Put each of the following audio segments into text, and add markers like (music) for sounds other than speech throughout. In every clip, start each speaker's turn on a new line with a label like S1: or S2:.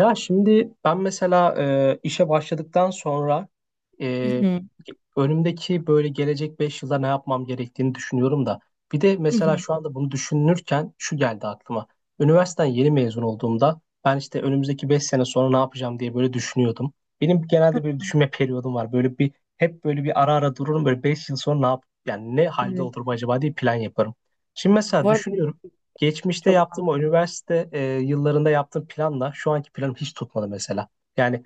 S1: Ya şimdi ben mesela işe başladıktan sonra
S2: Hı
S1: e,
S2: hı.
S1: önümdeki böyle gelecek 5 yılda ne yapmam gerektiğini düşünüyorum da. Bir de
S2: Hı
S1: mesela
S2: hı.
S1: şu anda bunu düşünürken şu geldi aklıma. Üniversiteden yeni mezun olduğumda ben işte önümüzdeki 5 sene sonra ne yapacağım diye böyle düşünüyordum. Benim genelde böyle düşünme periyodum var. Böyle bir hep böyle bir ara ara dururum, böyle 5 yıl sonra ne yap yani ne halde
S2: Evet.
S1: olurum acaba diye plan yaparım. Şimdi mesela
S2: Bu arada
S1: düşünüyorum. Geçmişte
S2: çok
S1: yaptığım o üniversite yıllarında yaptığım planla şu anki planım hiç tutmadı mesela. Yani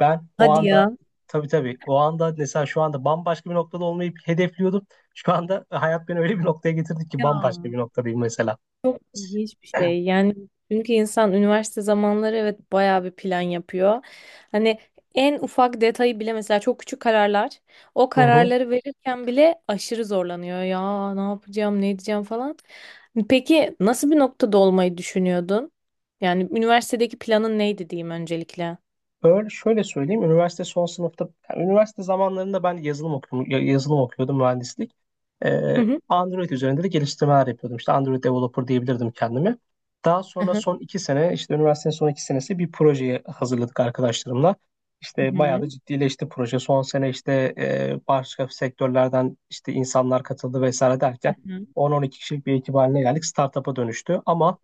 S1: ben o
S2: hadi
S1: anda,
S2: ya.
S1: tabii tabii, o anda mesela şu anda bambaşka bir noktada olmayı hedefliyordum. Şu anda hayat beni öyle bir noktaya getirdi ki bambaşka
S2: Ya
S1: bir noktadayım mesela.
S2: çok ilginç bir şey. Yani çünkü insan üniversite zamanları evet bayağı bir plan yapıyor. Hani en ufak detayı bile mesela çok küçük kararlar. O
S1: Hı hı.
S2: kararları verirken bile aşırı zorlanıyor. Ya ne yapacağım, ne edeceğim falan. Peki nasıl bir noktada olmayı düşünüyordun? Yani üniversitedeki planın neydi diyeyim öncelikle?
S1: Öyle şöyle söyleyeyim. Üniversite son sınıfta, yani üniversite zamanlarında ben yazılım okuyordum mühendislik.
S2: Hı hı.
S1: Android üzerinde de geliştirmeler yapıyordum. İşte Android developer diyebilirdim kendimi. Daha
S2: Hı
S1: sonra
S2: hı.
S1: son 2 sene, işte üniversitenin son 2 senesi bir projeye hazırladık arkadaşlarımla.
S2: Hı
S1: İşte bayağı
S2: hı.
S1: da ciddileşti proje. Son sene işte başka sektörlerden işte insanlar katıldı vesaire
S2: Hı
S1: derken
S2: hı.
S1: 10-12 kişilik bir ekip haline geldik. Startup'a dönüştü ama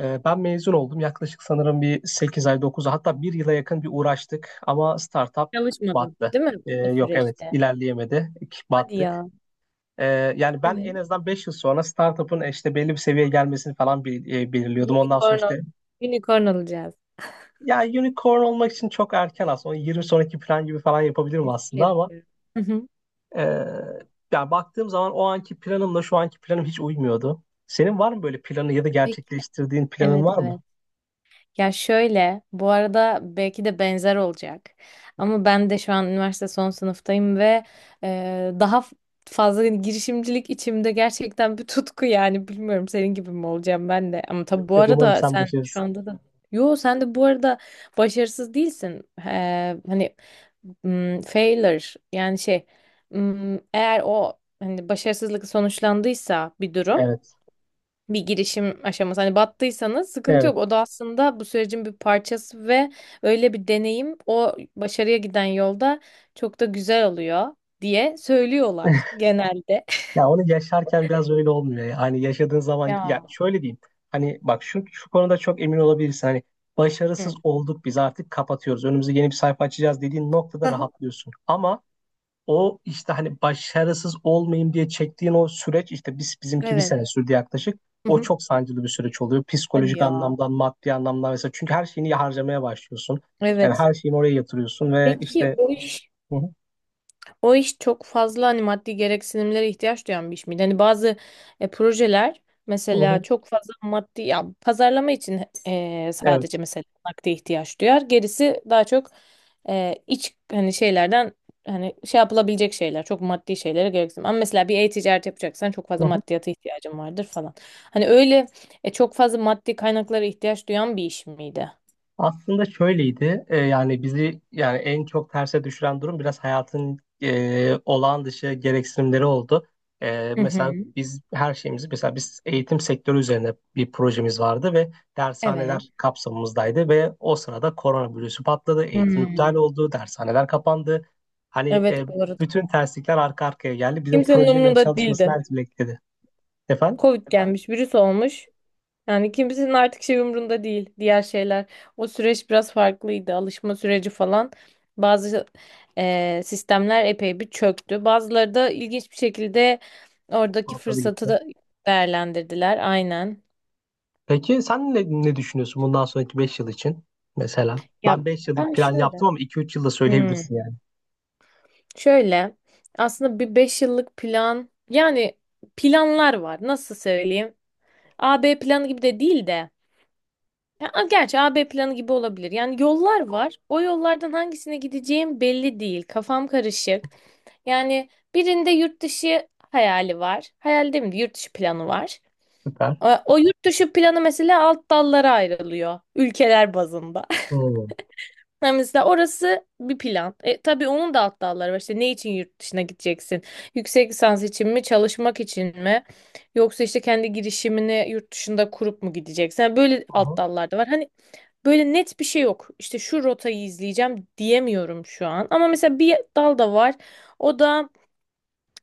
S1: ben mezun oldum. Yaklaşık sanırım bir 8 ay, 9 ay hatta bir yıla yakın bir uğraştık ama startup
S2: Çalışmadın,
S1: battı.
S2: değil mi o
S1: Yok, evet
S2: süreçte?
S1: ilerleyemedik,
S2: Hadi
S1: battık.
S2: ya.
S1: Ee, Yani ben
S2: Evet.
S1: en azından 5 yıl sonra startup'ın işte belli bir seviyeye gelmesini falan belirliyordum. Ondan sonra
S2: Unicorn,
S1: işte
S2: unicorn olacağız.
S1: ya, unicorn olmak için çok erken aslında. Onu 20 sonraki plan gibi falan yapabilirim
S2: Espri
S1: aslında ama
S2: yapıyorum. Hı hı.
S1: e, yani baktığım zaman o anki planımla şu anki planım hiç uymuyordu. Senin var mı böyle planı ya da
S2: Peki.
S1: gerçekleştirdiğin planın
S2: Evet,
S1: var mı?
S2: evet. Ya şöyle, bu arada belki de benzer olacak. Ama ben de şu an üniversite son sınıftayım ve daha fazla hani girişimcilik içimde gerçekten bir tutku yani. Bilmiyorum senin gibi mi olacağım ben de. Ama tabii
S1: Yok
S2: bu
S1: yok, umarım
S2: arada
S1: sen
S2: sen şu
S1: başarırsın.
S2: anda da... Yo sen de bu arada başarısız değilsin. Hani failure, yani şey, eğer o hani başarısızlık sonuçlandıysa bir durum,
S1: Evet.
S2: bir girişim aşaması. Hani battıysanız sıkıntı
S1: Evet.
S2: yok. O da aslında bu sürecin bir parçası ve öyle bir deneyim o başarıya giden yolda çok da güzel oluyor diye söylüyorlar
S1: (laughs)
S2: genelde. (laughs)
S1: Ya onu yaşarken biraz öyle olmuyor ya. Hani yaşadığın zaman ya
S2: Ya.
S1: şöyle diyeyim. Hani bak, şu konuda çok emin olabilirsin. Hani başarısız
S2: Hı.
S1: olduk, biz artık kapatıyoruz. Önümüze yeni bir sayfa açacağız dediğin noktada
S2: Aha.
S1: rahatlıyorsun. Ama o işte hani başarısız olmayayım diye çektiğin o süreç, işte bizimki bir
S2: Evet.
S1: sene sürdü yaklaşık.
S2: Hı
S1: O
S2: hı.
S1: çok sancılı bir süreç oluyor.
S2: Hadi
S1: Psikolojik
S2: ya.
S1: anlamdan, maddi anlamdan mesela. Çünkü her şeyini harcamaya başlıyorsun. Yani
S2: Evet.
S1: her şeyini oraya yatırıyorsun ve
S2: Peki
S1: işte.
S2: o iş
S1: Hı hı,
S2: O iş çok fazla hani maddi gereksinimlere ihtiyaç duyan bir iş miydi? Hani bazı projeler
S1: hı
S2: mesela
S1: hı,
S2: çok fazla maddi ya pazarlama için,
S1: evet.
S2: sadece mesela nakde ihtiyaç duyar. Gerisi daha çok iç, hani şeylerden, hani şey yapılabilecek şeyler, çok maddi şeylere gereksinim. Ama mesela bir e-ticaret yapacaksan çok fazla maddiyata ihtiyacın vardır falan. Hani öyle, çok fazla maddi kaynaklara ihtiyaç duyan bir iş miydi?
S1: Aslında şöyleydi. Yani bizi, yani en çok terse düşüren durum biraz hayatın olağan dışı gereksinimleri oldu.
S2: Hı
S1: Mesela
S2: hı.
S1: biz her şeyimizi, mesela biz eğitim sektörü üzerine bir projemiz vardı ve
S2: Evet.
S1: dershaneler kapsamımızdaydı ve o sırada koronavirüsü patladı, eğitim iptal
S2: Hmm.
S1: oldu, dershaneler kapandı. Hani
S2: Evet, bu arada.
S1: bütün terslikler arka arkaya geldi. Bizim
S2: Kimsenin
S1: projenin
S2: umurunda
S1: çalışmasını
S2: değildi.
S1: her türlü etkiledi. Efendim?
S2: Covid gelmiş, virüs olmuş. Yani kimsenin artık şey umrunda değil, diğer şeyler. O süreç biraz farklıydı. Alışma süreci falan. Bazı sistemler epey bir çöktü. Bazıları da ilginç bir şekilde oradaki
S1: Atladı
S2: fırsatı
S1: gitti.
S2: da değerlendirdiler. Aynen.
S1: Peki sen ne düşünüyorsun bundan sonraki 5 yıl için mesela?
S2: Ya
S1: Ben 5 yıllık
S2: ben
S1: plan yaptım
S2: şöyle.
S1: ama 2-3 yılda
S2: Hmm,
S1: söyleyebilirsin yani.
S2: şöyle. Aslında bir 5 yıllık plan, yani planlar var. Nasıl söyleyeyim? A-B planı gibi de değil de. Ya, gerçi AB planı gibi olabilir. Yani yollar var. O yollardan hangisine gideceğim belli değil. Kafam karışık. Yani birinde yurt dışı hayali var. Hayal değil mi? Yurt dışı planı var.
S1: Süper.
S2: O yurt dışı planı mesela alt dallara ayrılıyor. Ülkeler bazında. (laughs)
S1: Hmm.
S2: Yani mesela orası bir plan. Tabii onun da alt dalları var. İşte ne için yurt dışına gideceksin? Yüksek lisans için mi? Çalışmak için mi? Yoksa işte kendi girişimini yurt dışında kurup mu gideceksin? Yani böyle alt
S1: Aha,
S2: dallar da var. Hani böyle net bir şey yok. İşte şu rotayı izleyeceğim diyemiyorum şu an. Ama mesela bir dal da var. O da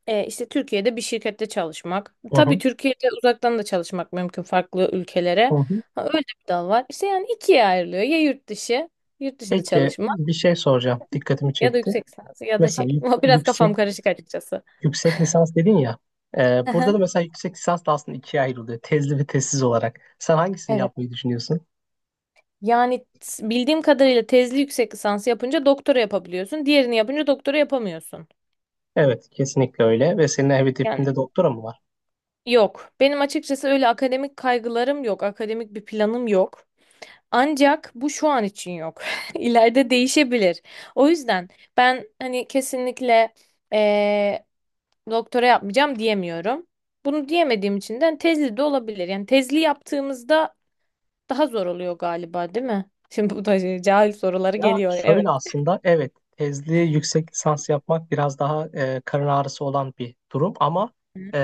S2: işte Türkiye'de bir şirkette çalışmak. Tabii
S1: aha,
S2: Türkiye'de uzaktan da çalışmak mümkün farklı ülkelere.
S1: aha.
S2: Ha, öyle bir dal var. İşte yani ikiye ayrılıyor. Ya yurt dışı, yurt dışında
S1: Peki
S2: çalışmak
S1: bir şey soracağım. Dikkatimi
S2: ya da
S1: çekti.
S2: yüksek lisans ya da
S1: Mesela
S2: şey.
S1: yük-
S2: (laughs) Biraz
S1: yüksek
S2: kafam karışık açıkçası.
S1: Yüksek lisans dedin ya. e, Burada
S2: Aha,
S1: da mesela yüksek lisans da aslında ikiye ayrılıyor. Tezli ve tezsiz olarak. Sen hangisini
S2: evet.
S1: yapmayı düşünüyorsun?
S2: Yani bildiğim kadarıyla tezli yüksek lisansı yapınca doktora yapabiliyorsun. Diğerini yapınca doktora yapamıyorsun.
S1: Evet, kesinlikle öyle. Ve senin
S2: Yani
S1: hedefinde doktora mı var?
S2: yok. Benim açıkçası öyle akademik kaygılarım yok. Akademik bir planım yok. Ancak bu şu an için yok. (laughs) İleride değişebilir. O yüzden ben hani kesinlikle eee, doktora yapmayacağım diyemiyorum. Bunu diyemediğim için de hani, tezli de olabilir. Yani tezli yaptığımızda daha zor oluyor galiba, değil mi? (laughs) Şimdi bu da şey, cahil soruları
S1: Ya
S2: geliyor. Evet.
S1: şöyle, aslında evet, tezli yüksek lisans yapmak biraz daha karın ağrısı olan bir durum ama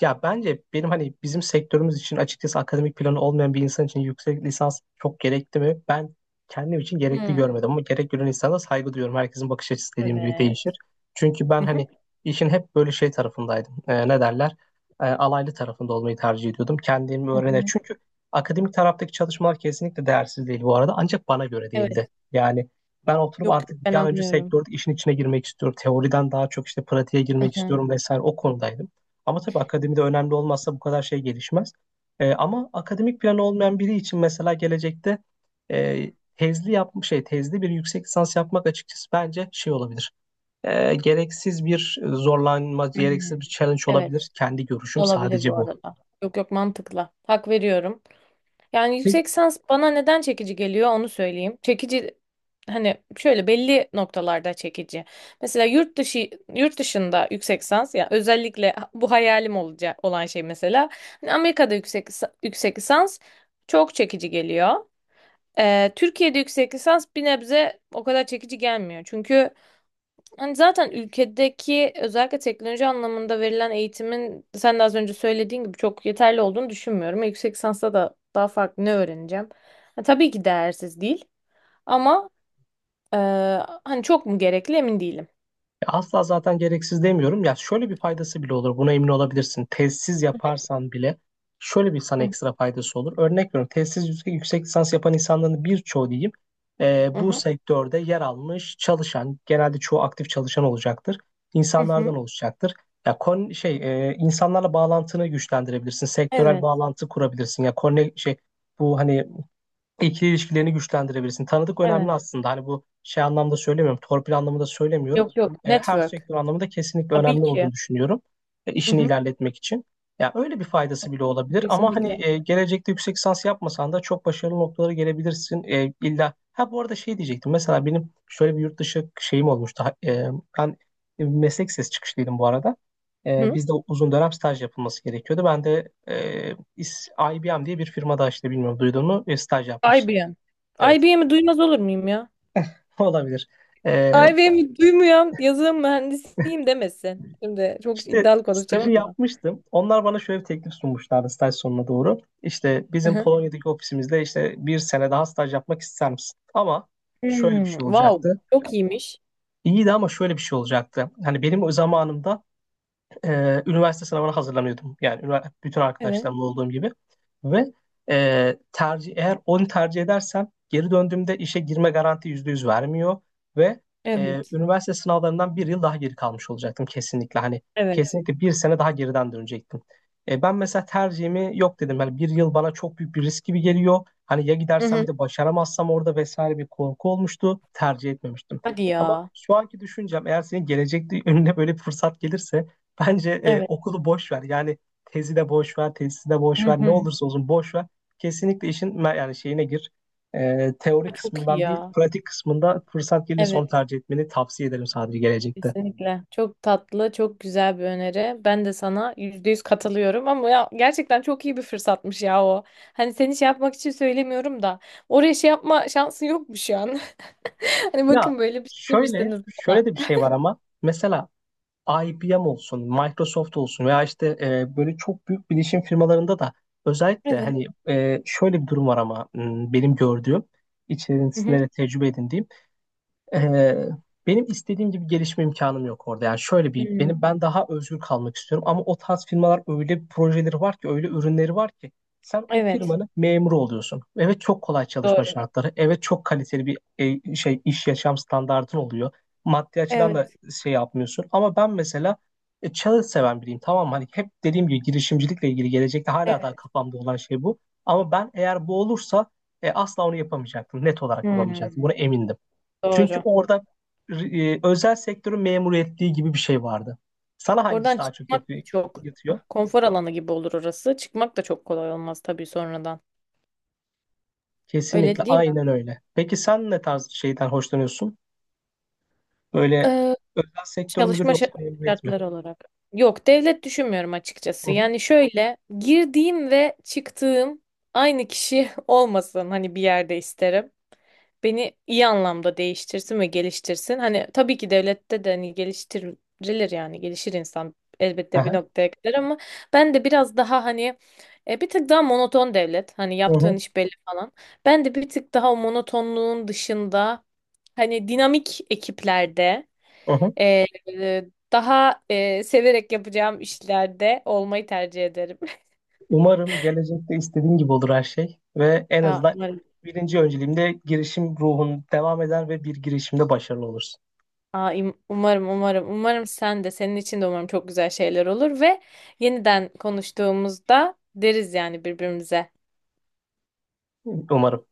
S1: ya, bence benim hani bizim sektörümüz için, açıkçası akademik planı olmayan bir insan için yüksek lisans çok gerekli mi? Ben kendim için gerekli
S2: Hmm,
S1: görmedim ama gerek gören insana saygı duyuyorum. Herkesin bakış açısı dediğim gibi değişir.
S2: evet.
S1: Çünkü ben
S2: Hı hı,
S1: hani işin hep böyle şey tarafındaydım. Ne derler? Alaylı tarafında olmayı tercih ediyordum. Kendimi
S2: hı
S1: öğrene.
S2: hı.
S1: Çünkü akademik taraftaki çalışmalar kesinlikle değersiz değil bu arada, ancak bana göre
S2: Evet.
S1: değildi. Yani ben oturup
S2: Yok, yok,
S1: artık bir
S2: ben
S1: an önce
S2: anlıyorum.
S1: sektördeki işin içine girmek istiyorum. Teoriden daha çok işte pratiğe
S2: Hı
S1: girmek
S2: hı.
S1: istiyorum vesaire, o konudaydım. Ama tabii akademide önemli olmazsa bu kadar şey gelişmez. Ama akademik planı olmayan biri için mesela gelecekte e, tezli yapmış şey tezli bir yüksek lisans yapmak açıkçası bence şey olabilir. Gereksiz bir zorlanma,
S2: Hı.
S1: gereksiz bir challenge
S2: Evet.
S1: olabilir. Kendi görüşüm
S2: Olabilir
S1: sadece
S2: bu
S1: bu.
S2: arada. Yok, yok, mantıklı. Hak veriyorum. Yani yüksek lisans bana neden çekici geliyor onu söyleyeyim. Çekici, hani şöyle belli noktalarda çekici. Mesela yurt dışında yüksek lisans, ya özellikle bu hayalim olacak olan şey, mesela hani Amerika'da yüksek lisans çok çekici geliyor. Türkiye'de yüksek lisans bir nebze o kadar çekici gelmiyor. Çünkü yani zaten ülkedeki özellikle teknoloji anlamında verilen eğitimin, sen de az önce söylediğin gibi, çok yeterli olduğunu düşünmüyorum. Yüksek lisansta da daha farklı ne öğreneceğim? Ha, tabii ki değersiz değil ama e, hani çok mu gerekli emin değilim.
S1: Ya, asla zaten gereksiz demiyorum. Ya şöyle bir faydası bile olur. Buna emin olabilirsin. Tezsiz yaparsan bile şöyle bir sana
S2: Hı hı.
S1: ekstra faydası olur. Örnek veriyorum. Tezsiz yüksek lisans yapan insanların birçoğu, diyeyim,
S2: Hı
S1: bu
S2: hı,
S1: sektörde yer almış çalışan, genelde çoğu aktif çalışan olacaktır.
S2: hı
S1: İnsanlardan
S2: hı.
S1: oluşacaktır. Ya, insanlarla bağlantını güçlendirebilirsin. Sektörel
S2: Evet,
S1: bağlantı kurabilirsin. Ya, konne şey bu hani ikili ilişkilerini güçlendirebilirsin. Tanıdık önemli
S2: evet.
S1: aslında. Hani bu şey anlamda söylemiyorum. Torpil anlamında söylemiyorum.
S2: Yok, yok.
S1: Her
S2: Network.
S1: sektör anlamında kesinlikle
S2: Tabii
S1: önemli
S2: ki.
S1: olduğunu düşünüyorum.
S2: Hı
S1: İşini
S2: hı.
S1: ilerletmek için. Ya, öyle bir faydası bile olabilir ama
S2: Kesinlikle.
S1: hani gelecekte yüksek lisans yapmasan da çok başarılı noktalara gelebilirsin. İlla ha, bu arada şey diyecektim. Mesela benim şöyle bir yurt dışı şeyim olmuştu. Ben meslek sesi çıkışlıydım bu arada.
S2: Hı.
S1: Bizde uzun dönem staj yapılması gerekiyordu. Ben de İs- IBM diye bir firmada, işte bilmiyorum duydun mu, staj yapmıştım.
S2: IBM.
S1: Evet,
S2: IBM'i duymaz olur muyum ya?
S1: (laughs) olabilir. Ee,
S2: IBM'i duymayan yazılım mühendisiyim demesin. Şimdi çok
S1: işte
S2: iddialı konuşacağım
S1: stajı
S2: ama.
S1: yapmıştım. Onlar bana şöyle bir teklif sunmuşlardı staj sonuna doğru. İşte bizim Polonya'daki ofisimizde işte bir sene daha staj yapmak ister misin? Ama şöyle bir
S2: Hmm,
S1: şey
S2: wow,
S1: olacaktı.
S2: çok iyiymiş.
S1: İyiydi ama şöyle bir şey olacaktı. Hani benim o zamanımda üniversite sınavına hazırlanıyordum. Yani bütün
S2: Evet,
S1: arkadaşlarımla olduğum gibi. Ve tercih, eğer onu tercih edersem geri döndüğümde işe girme garanti %100 vermiyor ve
S2: evet,
S1: üniversite sınavlarından bir yıl daha geri kalmış olacaktım kesinlikle. Hani
S2: evet.
S1: kesinlikle bir sene daha geriden dönecektim. Ben mesela tercihimi yok dedim. Yani bir yıl bana çok büyük bir risk gibi geliyor. Hani ya
S2: Hı
S1: gidersem, bir
S2: hı.
S1: de başaramazsam orada vesaire, bir korku olmuştu. Tercih etmemiştim.
S2: Hadi
S1: Ama
S2: ya.
S1: şu anki düşüncem, eğer senin gelecekte (laughs) önüne böyle bir fırsat gelirse, bence
S2: Evet.
S1: okulu boş ver. Yani tezi de boş ver, tezisi de
S2: Hı
S1: boş ver. Ne
S2: hı.
S1: olursa olsun boş ver. Kesinlikle işin yani şeyine gir. Teori
S2: Çok iyi
S1: kısmından değil,
S2: ya.
S1: pratik kısmında fırsat gelirse onu
S2: Evet,
S1: tercih etmeni tavsiye ederim sadece gelecekte.
S2: kesinlikle. Çok tatlı, çok güzel bir öneri. Ben de sana %100 katılıyorum ama ya gerçekten çok iyi bir fırsatmış ya o. Hani seni şey yapmak için söylemiyorum da oraya şey yapma şansın yokmuş yani. (laughs) Hani
S1: Ya
S2: bakın böyle bir şey
S1: şöyle,
S2: demiştiniz
S1: şöyle
S2: bana.
S1: de bir şey var ama mesela IBM olsun, Microsoft olsun veya işte böyle çok büyük bilişim firmalarında da özellikle
S2: Evet.
S1: hani şöyle bir durum var ama benim gördüğüm,
S2: Hı hı.
S1: içerisinde de tecrübe edindiğim. Ee, Benim istediğim gibi gelişme imkanım yok orada. Yani şöyle bir
S2: Hmm,
S1: ben daha özgür kalmak istiyorum ama o tarz firmalar öyle projeleri var ki, öyle ürünleri var ki sen o
S2: evet.
S1: firmanın memuru oluyorsun. Evet, çok kolay çalışma
S2: Doğru.
S1: şartları. Evet, çok kaliteli bir iş yaşam standartın oluyor. Maddi açıdan da
S2: Evet.
S1: şey yapmıyorsun. Ama ben mesela challenge seven biriyim, tamam mı? Hani hep dediğim gibi girişimcilikle ilgili gelecekte hala daha
S2: Evet.
S1: kafamda olan şey bu. Ama ben eğer bu olursa asla onu yapamayacaktım. Net olarak yapamayacaktım.
S2: Hmm,
S1: Buna emindim. Çünkü
S2: doğru.
S1: orada özel sektörün memur ettiği gibi bir şey vardı. Sana hangisi
S2: Oradan
S1: daha çok
S2: çıkmak
S1: yatıyor?
S2: da çok
S1: yatıyor?
S2: konfor alanı gibi olur orası. Çıkmak da çok kolay olmaz tabii sonradan. Öyle
S1: Kesinlikle,
S2: değil mi?
S1: aynen öyle. Peki sen ne tarz şeyden hoşlanıyorsun? Böyle
S2: Ee,
S1: özel sektör müdür
S2: çalışma
S1: yoksa memuriyet mi?
S2: şartları olarak. Yok, devlet düşünmüyorum
S1: Hı
S2: açıkçası.
S1: hı.
S2: Yani şöyle, girdiğim ve çıktığım aynı kişi (laughs) olmasın hani bir yerde, isterim. Beni iyi anlamda değiştirsin ve geliştirsin. Hani tabii ki devlette de hani geliştirilir, yani gelişir insan elbette bir
S1: Aha.
S2: noktaya kadar, ama ben de biraz daha hani bir tık daha monoton devlet. Hani
S1: Hı
S2: yaptığın
S1: hı.
S2: iş belli falan. Ben de bir tık daha o monotonluğun dışında, hani dinamik ekiplerde,
S1: Hı hı.
S2: e, e, daha severek yapacağım işlerde olmayı tercih ederim.
S1: Umarım gelecekte istediğin gibi olur her şey ve en
S2: (laughs) Aa,
S1: azından birinci önceliğimde girişim ruhun devam eder ve bir girişimde başarılı olursun.
S2: aa, umarım, umarım, umarım sen de, senin için de umarım çok güzel şeyler olur ve yeniden konuştuğumuzda deriz yani birbirimize.
S1: Umarım.